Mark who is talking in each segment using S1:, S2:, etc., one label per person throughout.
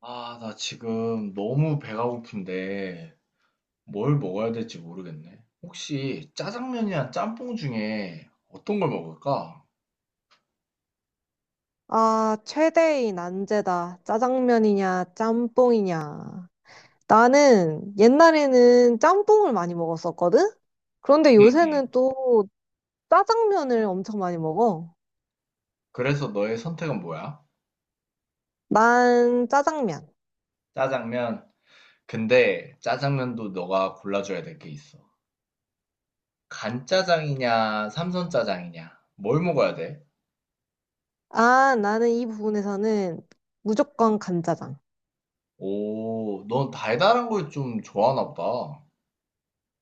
S1: 아, 나 지금 너무 배가 고픈데 뭘 먹어야 될지 모르겠네. 혹시 짜장면이랑 짬뽕 중에 어떤 걸 먹을까?
S2: 아, 최대의 난제다. 짜장면이냐, 짬뽕이냐. 나는 옛날에는 짬뽕을 많이 먹었었거든? 그런데
S1: 응,
S2: 요새는
S1: 응.
S2: 또 짜장면을 엄청 많이 먹어.
S1: 그래서 너의 선택은 뭐야?
S2: 난 짜장면.
S1: 짜장면. 근데 짜장면도 너가 골라줘야 될 게 있어. 간짜장이냐, 삼선짜장이냐. 뭘 먹어야 돼?
S2: 아, 나는 이 부분에서는 무조건 간짜장.
S1: 오, 넌 달달한 걸 좀 좋아하나 보다.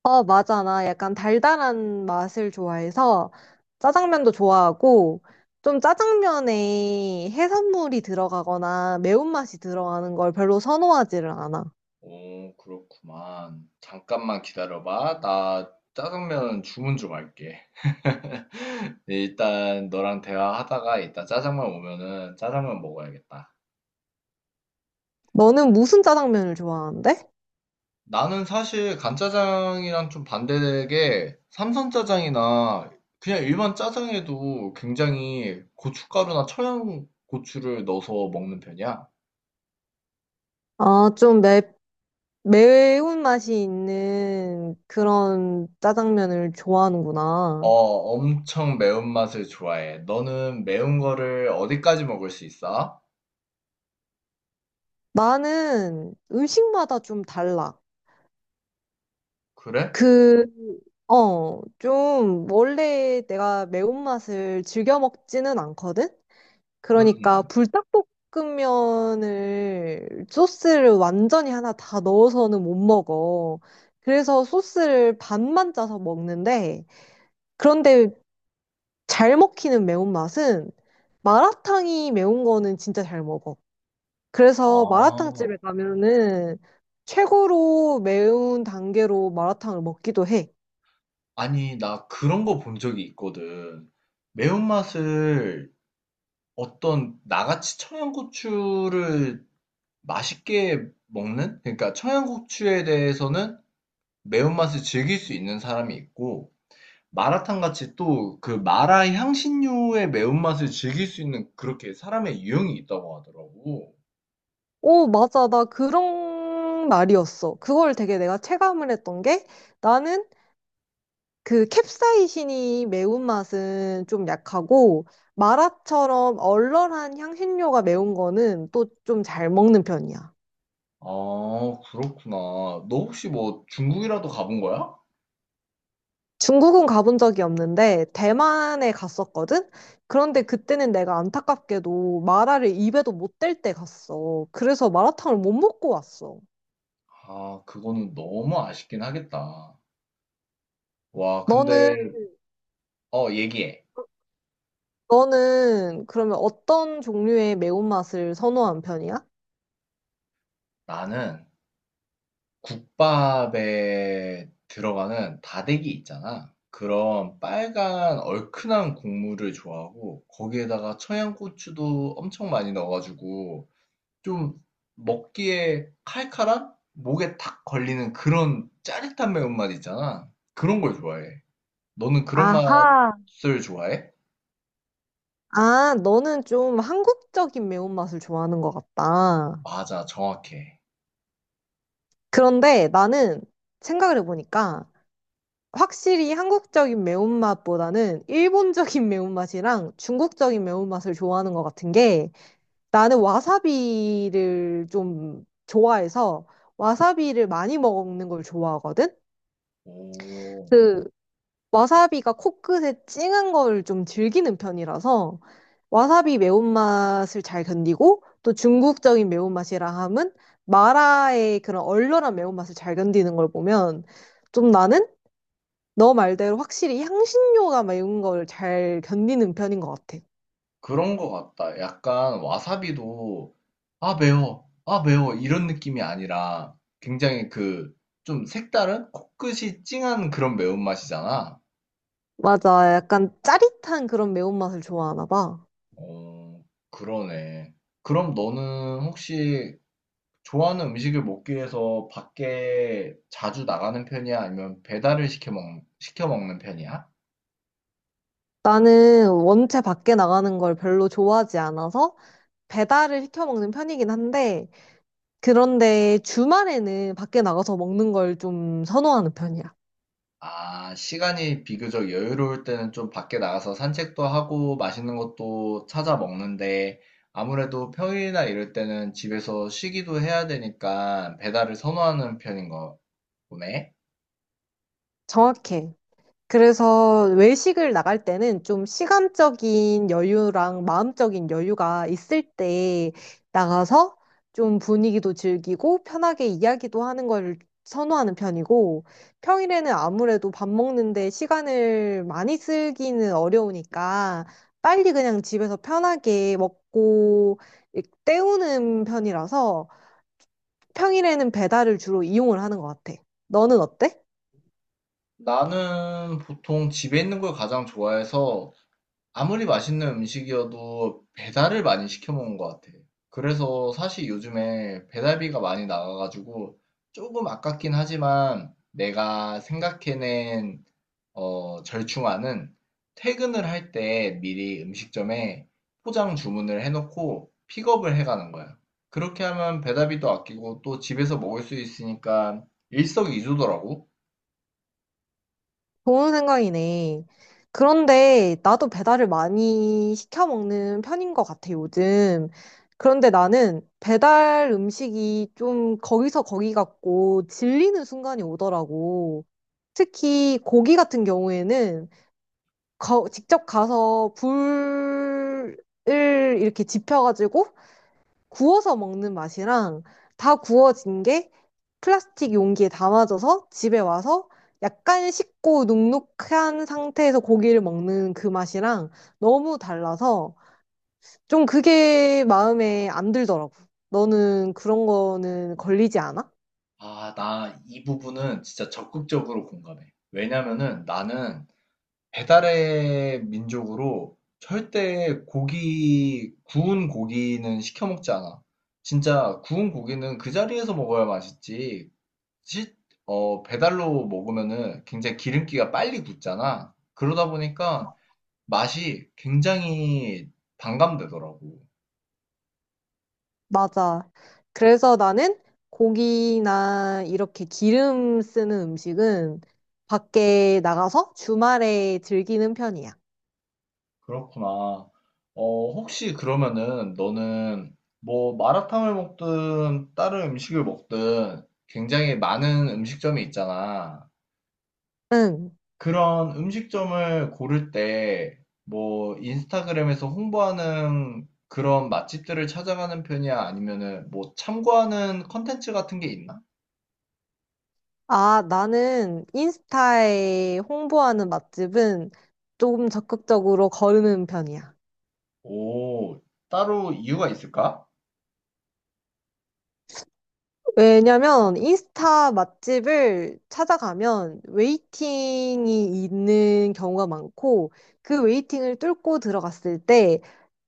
S2: 어, 맞아. 나 약간 달달한 맛을 좋아해서 짜장면도 좋아하고, 좀 짜장면에 해산물이 들어가거나 매운맛이 들어가는 걸 별로 선호하지를 않아.
S1: 오, 그렇구만. 잠깐만 기다려봐. 나 짜장면 주문 좀 할게. 네, 일단 너랑 대화하다가 이따 짜장면 오면은 짜장면 먹어야겠다.
S2: 너는 무슨 짜장면을 좋아하는데?
S1: 나는 사실 간짜장이랑 좀 반대되게 삼선짜장이나 그냥 일반 짜장에도 굉장히 고춧가루나 청양고추를 넣어서 먹는 편이야.
S2: 아, 좀 매운맛이 있는 그런 짜장면을
S1: 어,
S2: 좋아하는구나.
S1: 엄청 매운맛을 좋아해. 너는 매운 거를 어디까지 먹을 수 있어?
S2: 나는 음식마다 좀 달라.
S1: 그래?
S2: 그, 좀 원래 내가 매운맛을 즐겨 먹지는 않거든?
S1: 응,
S2: 그러니까
S1: 응.
S2: 불닭볶음면을 소스를 완전히 하나 다 넣어서는 못 먹어. 그래서 소스를 반만 짜서 먹는데, 그런데 잘 먹히는 매운맛은 마라탕이 매운 거는 진짜 잘 먹어. 그래서
S1: 아,
S2: 마라탕집에 가면은 최고로 매운 단계로 마라탕을 먹기도 해.
S1: 아니, 나 그런 거 본 적이 있거든. 매운맛을 어떤 나같이 청양고추를 맛있게 먹는? 그러니까 청양고추에 대해서는 매운맛을 즐길 수 있는 사람이 있고, 마라탕 같이 또 그 마라 향신료의 매운맛을 즐길 수 있는 그렇게 사람의 유형이 있다고 하더라고.
S2: 오, 맞아. 나 그런 말이었어. 그걸 되게 내가 체감을 했던 게 나는 그 캡사이신이 매운맛은 좀 약하고 마라처럼 얼얼한 향신료가 매운 거는 또 좀 잘 먹는 편이야.
S1: 아, 그렇구나. 너 혹시 뭐 중국이라도 가본 거야?
S2: 중국은 가본 적이 없는데 대만에 갔었거든? 그런데 그때는 내가 안타깝게도 마라를 입에도 못 댈 때 갔어. 그래서 마라탕을 못 먹고 왔어.
S1: 아, 그거는 너무 아쉽긴 하겠다. 와,
S2: 너는,
S1: 근데, 얘기해.
S2: 너는 그러면 어떤 종류의 매운맛을 선호한 편이야?
S1: 나는 국밥에 들어가는 다대기 있잖아. 그런 빨간 얼큰한 국물을 좋아하고 거기에다가 청양고추도 엄청 많이 넣어가지고 좀 먹기에 칼칼한 목에 탁 걸리는 그런 짜릿한 매운맛 있잖아. 그런 걸 좋아해. 너는 그런
S2: 아하.
S1: 맛을 좋아해?
S2: 아, 너는 좀 한국적인 매운맛을 좋아하는 것 같다.
S1: 맞아, 정확해.
S2: 그런데 나는 생각을 해보니까 확실히 한국적인 매운맛보다는 일본적인 매운맛이랑 중국적인 매운맛을 좋아하는 것 같은 게 나는 와사비를 좀 좋아해서 와사비를 많이 먹는 걸 좋아하거든?
S1: 오.
S2: 그 와사비가 코끝에 찡한 걸 좀 즐기는 편이라서 와사비 매운맛을 잘 견디고 또 중국적인 매운맛이라 함은 마라의 그런 얼얼한 매운맛을 잘 견디는 걸 보면 좀 나는 너 말대로 확실히 향신료가 매운 걸 잘 견디는 편인 것 같아.
S1: 그런 것 같다. 약간 와사비도 아 매워, 아 매워 이런 느낌이 아니라 굉장히 그 좀 색다른 코끝이 찡한 그런 매운맛이잖아.
S2: 맞아. 약간 짜릿한 그런 매운맛을 좋아하나 봐.
S1: 어, 그러네. 그럼 너는 혹시 좋아하는 음식을 먹기 위해서 밖에 자주 나가는 편이야? 아니면 배달을 시켜 먹, 시켜 먹는 편이야?
S2: 나는 원체 밖에 나가는 걸 별로 좋아하지 않아서 배달을 시켜 먹는 편이긴 한데, 그런데 주말에는 밖에 나가서 먹는 걸 좀 선호하는 편이야.
S1: 아, 시간이 비교적 여유로울 때는 좀 밖에 나가서 산책도 하고 맛있는 것도 찾아 먹는데 아무래도 평일이나 이럴 때는 집에서 쉬기도 해야 되니까 배달을 선호하는 편인 거 보네.
S2: 정확해. 그래서 외식을 나갈 때는 좀 시간적인 여유랑 마음적인 여유가 있을 때 나가서 좀 분위기도 즐기고 편하게 이야기도 하는 걸 선호하는 편이고 평일에는 아무래도 밥 먹는데 시간을 많이 쓰기는 어려우니까 빨리 그냥 집에서 편하게 먹고 때우는 편이라서 평일에는 배달을 주로 이용을 하는 것 같아. 너는 어때?
S1: 나는 보통 집에 있는 걸 가장 좋아해서 아무리 맛있는 음식이어도 배달을 많이 시켜 먹는 것 같아. 그래서 사실 요즘에 배달비가 많이 나가가지고 조금 아깝긴 하지만 내가 생각해낸 절충안은 퇴근을 할 때 미리 음식점에 포장 주문을 해놓고 픽업을 해가는 거야. 그렇게 하면 배달비도 아끼고 또 집에서 먹을 수 있으니까 일석이조더라고.
S2: 좋은 생각이네. 그런데 나도 배달을 많이 시켜 먹는 편인 것 같아, 요즘. 그런데 나는 배달 음식이 좀 거기서 거기 같고 질리는 순간이 오더라고. 특히 고기 같은 경우에는 직접 가서 불을 이렇게 지펴가지고 구워서 먹는 맛이랑 다 구워진 게 플라스틱 용기에 담아져서 집에 와서 약간 식고 눅눅한 상태에서 고기를 먹는 그 맛이랑 너무 달라서 좀 그게 마음에 안 들더라고. 너는 그런 거는 걸리지 않아?
S1: 아, 나 이 부분은 진짜 적극적으로 공감해. 왜냐면은 나는 배달의 민족으로 절대 고기, 구운 고기는 시켜 먹지 않아. 진짜 구운 고기는 그 자리에서 먹어야 맛있지. 시- 배달로 먹으면은 굉장히 기름기가 빨리 굳잖아. 그러다 보니까 맛이 굉장히 반감되더라고.
S2: 맞아. 그래서 나는 고기나 이렇게 기름 쓰는 음식은 밖에 나가서 주말에 즐기는 편이야.
S1: 그렇구나. 어, 혹시 그러면은 너는 뭐 마라탕을 먹든 다른 음식을 먹든 굉장히 많은 음식점이 있잖아.
S2: 응.
S1: 그런 음식점을 고를 때, 뭐, 인스타그램에서 홍보하는 그런 맛집들을 찾아가는 편이야? 아니면은, 뭐, 참고하는 컨텐츠 같은 게 있나?
S2: 아, 나는 인스타에 홍보하는 맛집은 조금 적극적으로 거르는 편이야.
S1: 오, 따로 이유가 있을까?
S2: 왜냐면 인스타 맛집을 찾아가면 웨이팅이 있는 경우가 많고 그 웨이팅을 뚫고 들어갔을 때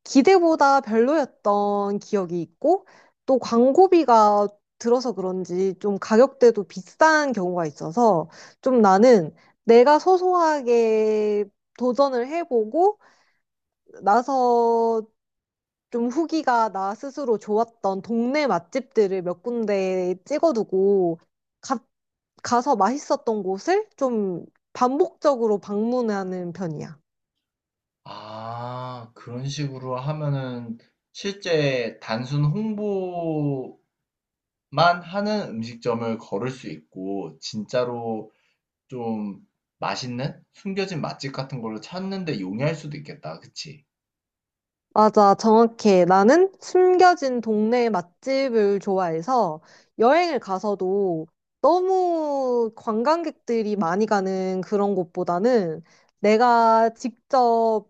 S2: 기대보다 별로였던 기억이 있고 또 광고비가 들어서 그런지 좀 가격대도 비싼 경우가 있어서 좀 나는 내가 소소하게 도전을 해보고 나서 좀 후기가 나 스스로 좋았던 동네 맛집들을 몇 군데 찍어두고 가, 가서 맛있었던 곳을 좀 반복적으로 방문하는 편이야.
S1: 아, 그런 식으로 하면은, 실제 단순 홍보만 하는 음식점을 걸을 수 있고, 진짜로 좀 맛있는? 숨겨진 맛집 같은 걸로 찾는 데 용이할 수도 있겠다. 그치?
S2: 맞아, 정확해. 나는 숨겨진 동네 맛집을 좋아해서 여행을 가서도 너무 관광객들이 많이 가는 그런 곳보다는 내가 직접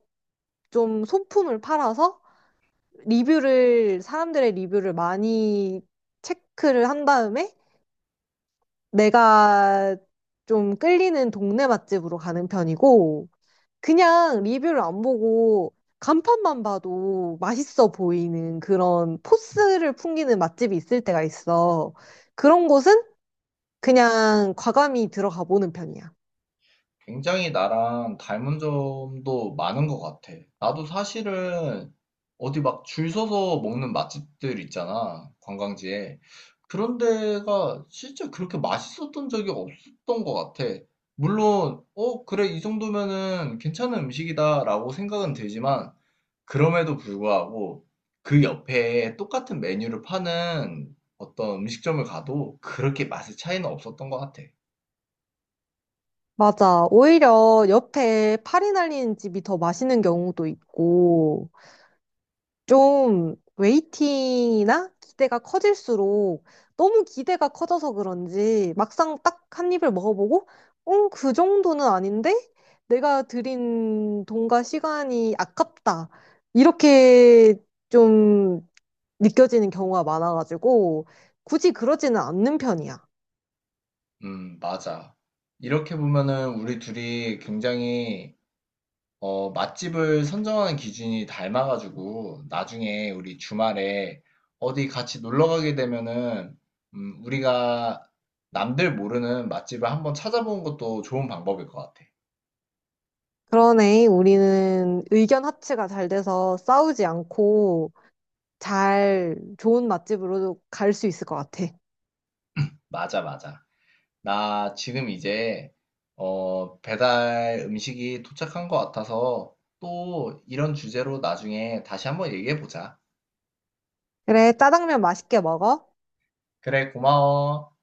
S2: 좀 소품을 팔아서 사람들의 리뷰를 많이 체크를 한 다음에 내가 좀 끌리는 동네 맛집으로 가는 편이고, 그냥 리뷰를 안 보고 간판만 봐도 맛있어 보이는 그런 포스를 풍기는 맛집이 있을 때가 있어. 그런 곳은 그냥 과감히 들어가 보는 편이야.
S1: 굉장히 나랑 닮은 점도 많은 것 같아. 나도 사실은 어디 막 줄 서서 먹는 맛집들 있잖아, 관광지에. 그런 데가 진짜 그렇게 맛있었던 적이 없었던 것 같아. 물론, 어, 그래, 이 정도면은 괜찮은 음식이다라고 생각은 들지만, 그럼에도 불구하고 그 옆에 똑같은 메뉴를 파는 어떤 음식점을 가도 그렇게 맛의 차이는 없었던 것 같아.
S2: 맞아. 오히려 옆에 파리 날리는 집이 더 맛있는 경우도 있고, 좀 웨이팅이나 기대가 커질수록 너무 기대가 커져서 그런지 막상 딱 한 입을 먹어보고, 응, 그 정도는 아닌데? 내가 들인 돈과 시간이 아깝다. 이렇게 좀 느껴지는 경우가 많아가지고, 굳이 그러지는 않는 편이야.
S1: 맞아. 이렇게 보면은 우리 둘이 굉장히 맛집을 선정하는 기준이 닮아가지고 나중에 우리 주말에 어디 같이 놀러 가게 되면은 우리가 남들 모르는 맛집을 한번 찾아보는 것도 좋은 방법일 것 같아.
S2: 그러네, 우리는 의견 합치가 잘 돼서 싸우지 않고 잘 좋은 맛집으로 갈 수 있을 것 같아.
S1: 맞아, 맞아. 나 지금 이제 배달 음식이 도착한 것 같아서 또 이런 주제로 나중에 다시 한번 얘기해 보자.
S2: 그래, 짜장면 맛있게 먹어.
S1: 그래, 고마워.